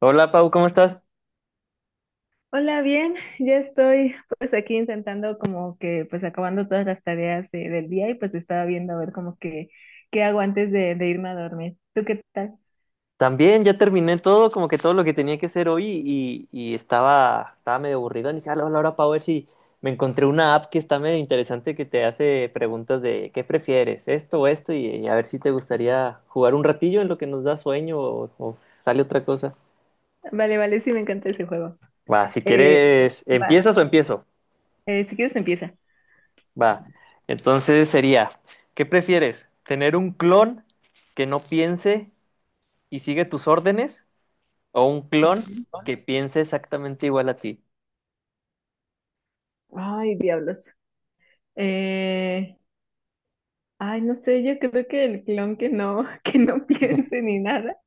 Hola Pau, ¿cómo estás? Hola, bien, ya estoy pues aquí intentando como que pues acabando todas las tareas del día y pues estaba viendo a ver como que qué hago antes de irme a dormir. ¿Tú qué tal? También ya terminé todo, como que todo lo que tenía que hacer hoy y estaba medio aburrido. Y dije, hola Pau, a ver si me encontré una app que está medio interesante que te hace preguntas de qué prefieres, esto o esto, y a ver si te gustaría jugar un ratillo en lo que nos da sueño o sale otra cosa. Vale, vale, sí me encanta ese juego. Va, si Eh, quieres, ¿Va? ¿empiezas o empiezo? Si quieres empieza. Va. Entonces sería, ¿qué prefieres? ¿Tener un clon que no piense y sigue tus órdenes? ¿O un clon Ok. que piense exactamente igual a ti? Ay, diablos. Eh, ay, no sé, yo creo que el clon que no, que no piense ni nada.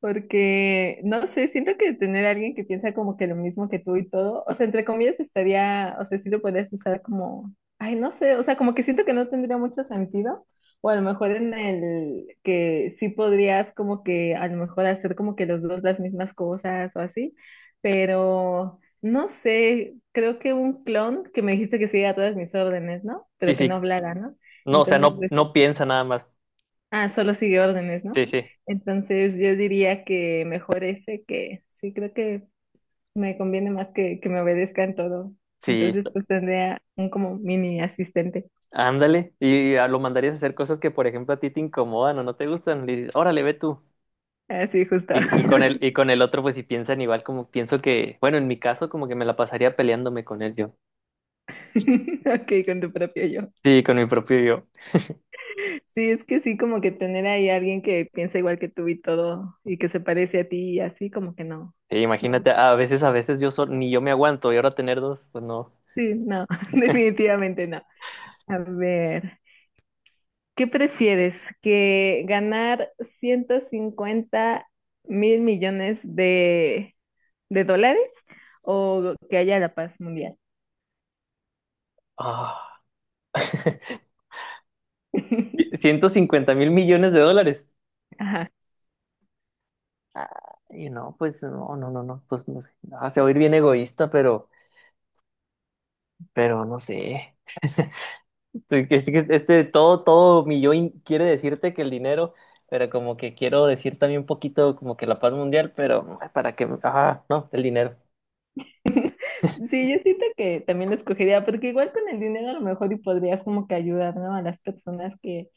Porque, no sé, siento que tener a alguien que piensa como que lo mismo que tú y todo, o sea, entre comillas estaría, o sea, sí lo podrías usar como, ay, no sé, o sea, como que siento que no tendría mucho sentido, o a lo mejor en el que sí podrías como que a lo mejor hacer como que los dos las mismas cosas o así, pero no sé, creo que un clon que me dijiste que siguiera todas mis órdenes, ¿no? Sí, Pero que no sí. hablara, ¿no? No, o sea, Entonces, pues no piensa nada más. ah, solo sigue órdenes, ¿no? Sí, sí. Entonces yo diría que mejor ese que sí, creo que me conviene más que me obedezca en todo. Sí, Entonces pues tendría un como mini asistente. ándale. Y lo mandarías a hacer cosas que, por ejemplo, a ti te incomodan o no te gustan. Le dices, órale, ve tú. Así justo. Y con el otro, pues si piensan igual, como pienso que, bueno, en mi caso, como que me la pasaría peleándome con él yo. Ok, con tu propio yo. Sí, con mi propio yo. Sí, es que sí, como que tener ahí a alguien que piensa igual que tú y todo y que se parece a ti y así, como que no. Sí, No, imagínate, a veces yo ni yo me aguanto y ahora tener dos, pues no. sí, no, definitivamente no. A ver. ¿Qué prefieres? ¿Que ganar 150 mil millones de dólares o que haya la paz mundial? Ah, $150.000.000.000. Ajá. Ah, y no, pues no, ah, se va a oír bien egoísta, pero no sé. Tú, todo mi yo quiere decirte que el dinero, pero como que quiero decir también un poquito como que la paz mundial, pero para que, ah, no, el dinero. Sí, yo siento que también lo escogería, porque igual con el dinero a lo mejor y podrías como que ayudar, ¿no? A las personas que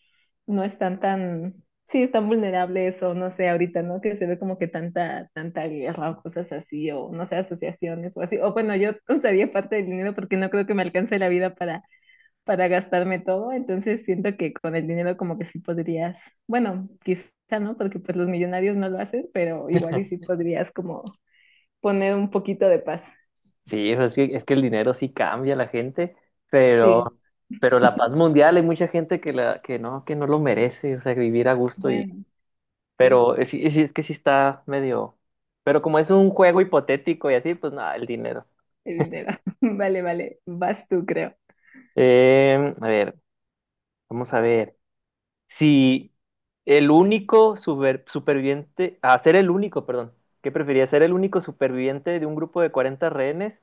no están tan, sí, están vulnerables o no sé, ahorita, ¿no? Que se ve como que tanta, tanta guerra o cosas así, o no sé, asociaciones o así. O bueno, yo usaría parte del dinero porque no creo que me alcance la vida para gastarme todo, entonces siento que con el dinero como que sí podrías, bueno, quizá no, porque pues los millonarios no lo hacen, pero igual y sí podrías como poner un poquito de paz. Sí, pues, es que el dinero sí cambia a la gente, pero, Sí, pero la paz mundial hay mucha gente que que no lo merece, o sea, vivir a gusto y bueno, sí, es que sí está medio. Pero como es un juego hipotético y así, pues nada, el dinero. el dinero. Vale, vale, vas tú, creo. Eh, a ver, vamos a ver. Si superviviente. Ah, ser el único, perdón. ¿Qué preferirías? ¿Ser el único superviviente de un grupo de 40 rehenes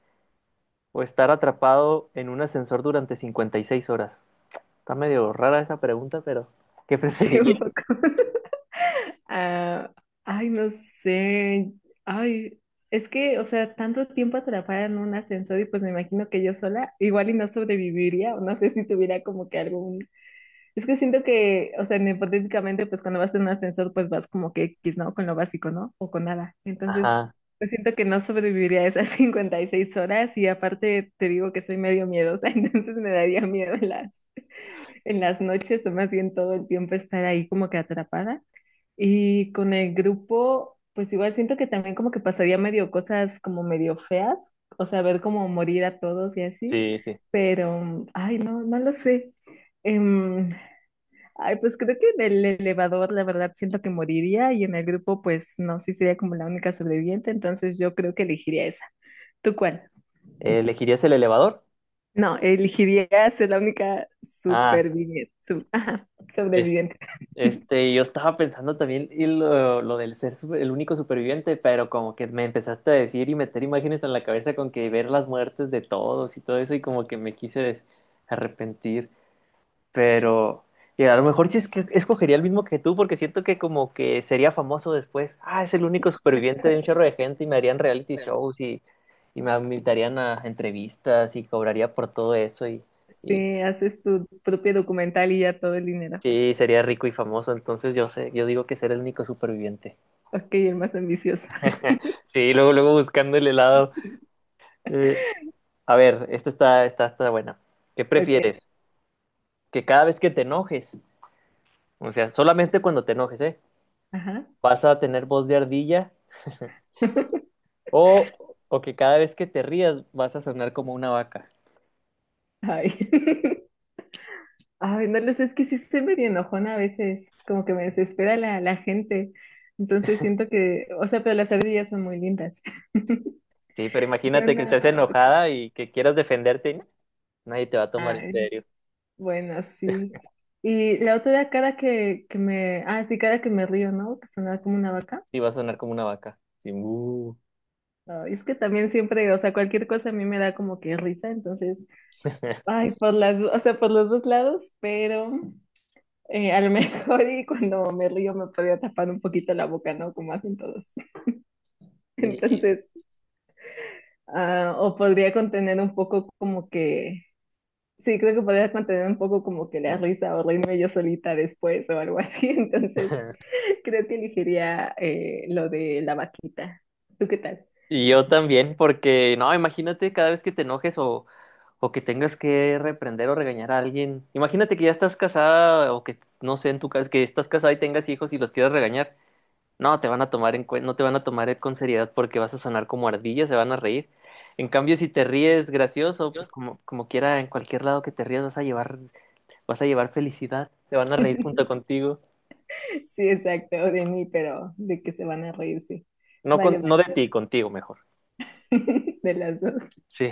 o estar atrapado en un ascensor durante 56 horas? Está medio rara esa pregunta, pero ¿qué Sí, un poco. preferirías? Ah, ay, no sé. Ay, es que, o sea, tanto tiempo atrapada en un ascensor y pues me imagino que yo sola igual y no sobreviviría, o no sé si tuviera como que algún. Es que siento que, o sea, en hipotéticamente, pues cuando vas en un ascensor, pues vas como que X, ¿no? Con lo básico, ¿no? O con nada. Entonces, Ajá, pues siento que no sobreviviría a esas 56 horas y aparte te digo que soy medio miedosa, entonces me daría miedo en las noches o más bien todo el tiempo estar ahí como que atrapada. Y con el grupo, pues igual siento que también como que pasaría medio cosas como medio feas, o sea, ver como morir a todos y así, sí, sí. pero, ay, no, no lo sé. Em, Ay, pues creo que en el elevador, la verdad, siento que moriría y en el grupo, pues no, sí sería como la única sobreviviente, entonces yo creo que elegiría esa. ¿Tú cuál? ¿Elegirías el elevador? No, elegiría ser la única Ah, superviviente, su- ajá, es- sobreviviente. este, yo estaba pensando también y lo del ser el único superviviente, pero como que me empezaste a decir y meter imágenes en la cabeza con que ver las muertes de todos y todo eso, y como que me quise arrepentir. Pero, y a lo mejor sí es que escogería el mismo que tú, porque siento que como que sería famoso después. Ah, es el único superviviente de un chorro de gente y me harían reality shows y me invitarían a entrevistas y cobraría por todo eso y Sí, haces tu propio documental y ya todo el dinero. sí, sería rico y famoso. Entonces yo sé, yo digo que ser el único superviviente. Ok, el más ambicioso. Sí, luego, luego buscando el helado. Sí, Eh, a ver, esta está buena. ¿Qué Ok, prefieres? Que cada vez que te enojes, o sea, solamente cuando te enojes, ¿eh? ajá. ¿Vas a tener voz de ardilla? O, o que cada vez que te rías vas a sonar como una vaca. Ay. Ay, no lo sé, es que sí soy medio enojona a veces, como que me desespera la gente. Entonces siento que, o sea, pero las ardillas son muy lindas. Sí, pero Yo imagínate que no- estés enojada y que quieras defenderte, ¿no? Nadie te va a tomar en ay, serio. bueno, sí. Y la otra era cara que me, ah, sí, cara que me río, ¿no? Que sonaba como una vaca. Sí, vas a sonar como una vaca. Sí, mu. Ay, es que también siempre, o sea, cualquier cosa a mí me da como que risa, entonces, ay, por las, o sea, por los dos lados, pero a lo mejor y cuando me río me podía tapar un poquito la boca, ¿no? Como hacen todos. Sí. Entonces, ah, o podría contener un poco como que, sí, creo que podría contener un poco como que la risa o reírme yo solita después o algo así. Entonces, creo que elegiría lo de la vaquita. ¿Tú qué tal? Y yo también, porque no, imagínate cada vez que te enojes o que tengas que reprender o regañar a alguien. Imagínate que ya estás casada o que no sé, en tu casa que estás casada y tengas hijos y los quieras regañar. No te van a tomar en no te van a tomar con seriedad porque vas a sonar como ardilla, se van a reír. En cambio, si te ríes gracioso, pues como, como quiera, en cualquier lado que te rías vas a vas a llevar felicidad, se van a reír junto contigo. Sí, exacto, o de mí, pero de que se van a reír, sí. Vale, No vale. de ti, contigo mejor. De las dos. Sí.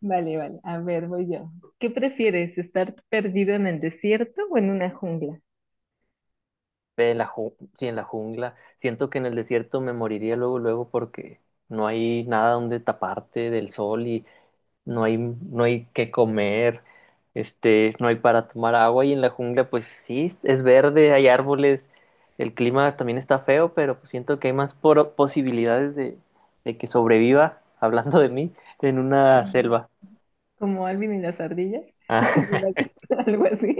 Vale, vale. A ver, voy yo. ¿Qué prefieres, estar perdido en el desierto o en una jungla? De sí, en la jungla. Siento que en el desierto me moriría luego, luego porque no hay nada donde taparte del sol y no hay que comer, este, no hay para tomar agua y en la jungla pues sí, es verde, hay árboles, el clima también está feo, pero pues siento que hay más posibilidades de que sobreviva, hablando de mí, en una Como selva. como Alvin y las ardillas. No sé si Ah, las has visto, algo así.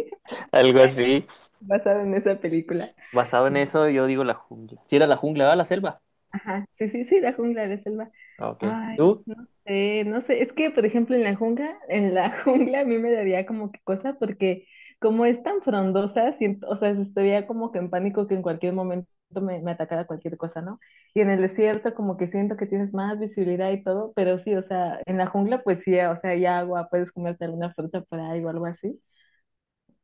algo así. Basado en esa película. Basado en eso, yo digo la jungla. Si era la jungla, va la selva. Ajá. Sí, sí, sí, la jungla de selva. Ah, ok. Ay, ¿Tú? no sé, no sé. Es que, por ejemplo, en la jungla, en la jungla a mí me daría como que cosa porque como es tan frondosa, siento, o sea, estaría como que en pánico que en cualquier momento me, me atacara cualquier cosa, ¿no? Y en el desierto como que siento que tienes más visibilidad y todo, pero sí, o sea, en la jungla pues sí, o sea, hay agua, puedes comerte alguna fruta por ahí o algo así.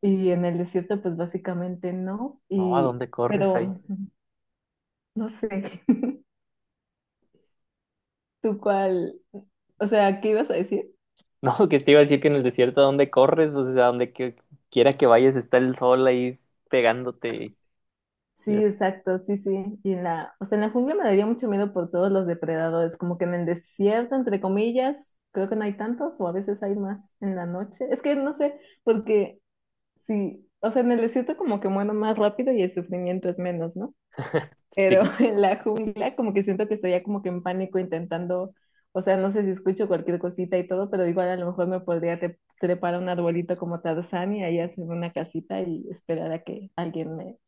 Y en el desierto pues básicamente no. No, ¿a Y, dónde corres ahí? pero, no sé. ¿Tú cuál? O sea, ¿qué ibas a decir? No, que te iba a decir que en el desierto, ¿a dónde corres? Pues a donde quiera que vayas está el sol ahí pegándote. Sí, Y eso. exacto, sí, sí. Y en la, o sea, en la jungla me daría mucho miedo por todos los depredadores, como que en el desierto, entre comillas, creo que no hay tantos, o a veces hay más en la noche. Es que no sé, porque sí, o sea, en el desierto como que muero más rápido y el sufrimiento es menos, ¿no? Pero Sí, en la jungla como que siento que estoy ya como que en pánico intentando, o sea, no sé si escucho cualquier cosita y todo, pero igual a lo mejor me podría te- trepar a un arbolito como Tarzán y ahí hacer una casita y esperar a que alguien me,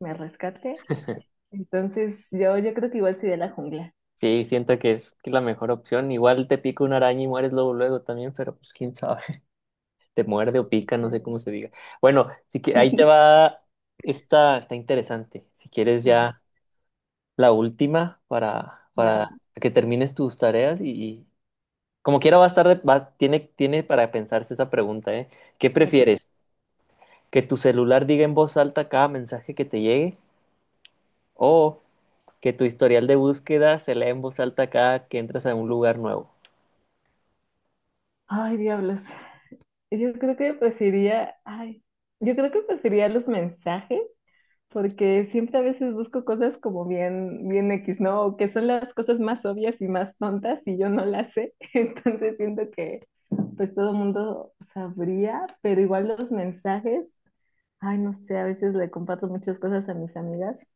me rescate. Entonces yo creo que igual soy de la jungla. sí, siento que es la mejor opción. Igual te pica una araña y mueres luego, luego también, pero pues quién sabe. Te muerde Sí, o o pica, no sea. sé cómo se diga. Bueno, sí que ahí te va. Esta está interesante. Si quieres Ah, ya la última vale, vale, para que termines tus tareas y como quiera va a estar, tiene para pensarse esa pregunta, ¿eh? ¿Qué ok. prefieres? ¿Que tu celular diga en voz alta cada mensaje que te llegue? ¿O que tu historial de búsqueda se lea en voz alta cada que entras a un lugar nuevo? Ay, diablos. Yo creo que preferiría, ay, yo creo que preferiría los mensajes, porque siempre a veces busco cosas como bien, bien X, ¿no? O que son las cosas más obvias y más tontas y yo no las sé. Entonces siento que pues todo el mundo sabría, pero igual los mensajes, ay, no sé, a veces le comparto muchas cosas a mis amigas.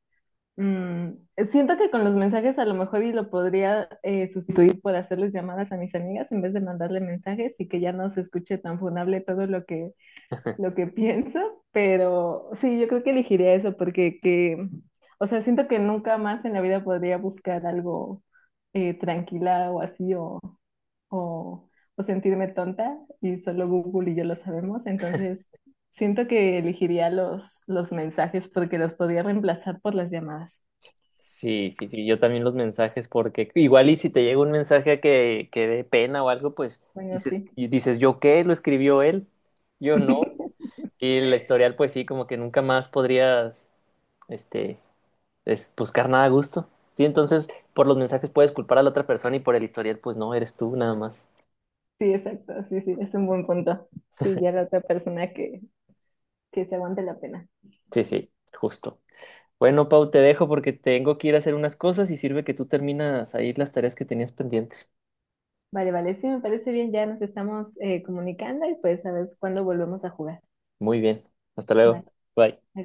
Mm, siento que con los mensajes a lo mejor y lo podría sustituir por hacerles llamadas a mis amigas en vez de mandarle mensajes y que ya no se escuche tan funable todo lo que pienso, pero sí, yo creo que elegiría eso porque que, o sea, siento que nunca más en la vida podría buscar algo tranquila o así o, o sentirme tonta y solo Google y yo lo sabemos, entonces siento que elegiría los mensajes porque los podría reemplazar por las llamadas. Sí, yo también los mensajes, porque igual y si te llega un mensaje que dé pena o algo, pues Bueno, dices, sí. y dices, ¿yo qué? ¿Lo escribió él? Yo no. Y el historial, pues sí, como que nunca más podrías, este, buscar nada a gusto. Sí, entonces por los mensajes puedes culpar a la otra persona y por el historial, pues no, eres tú nada más. Sí, exacto. Sí, sí, es un buen punto. Sí, ya la otra persona que se aguante la pena. Sí, sí, justo. Bueno, Pau, te dejo porque tengo que ir a hacer unas cosas y sirve que tú terminas ahí las tareas que tenías pendientes. Vale, vale, sí, me parece bien. Ya nos estamos comunicando y pues a ver cuándo volvemos a jugar. Muy bien, hasta luego. Vale, Bye. vale.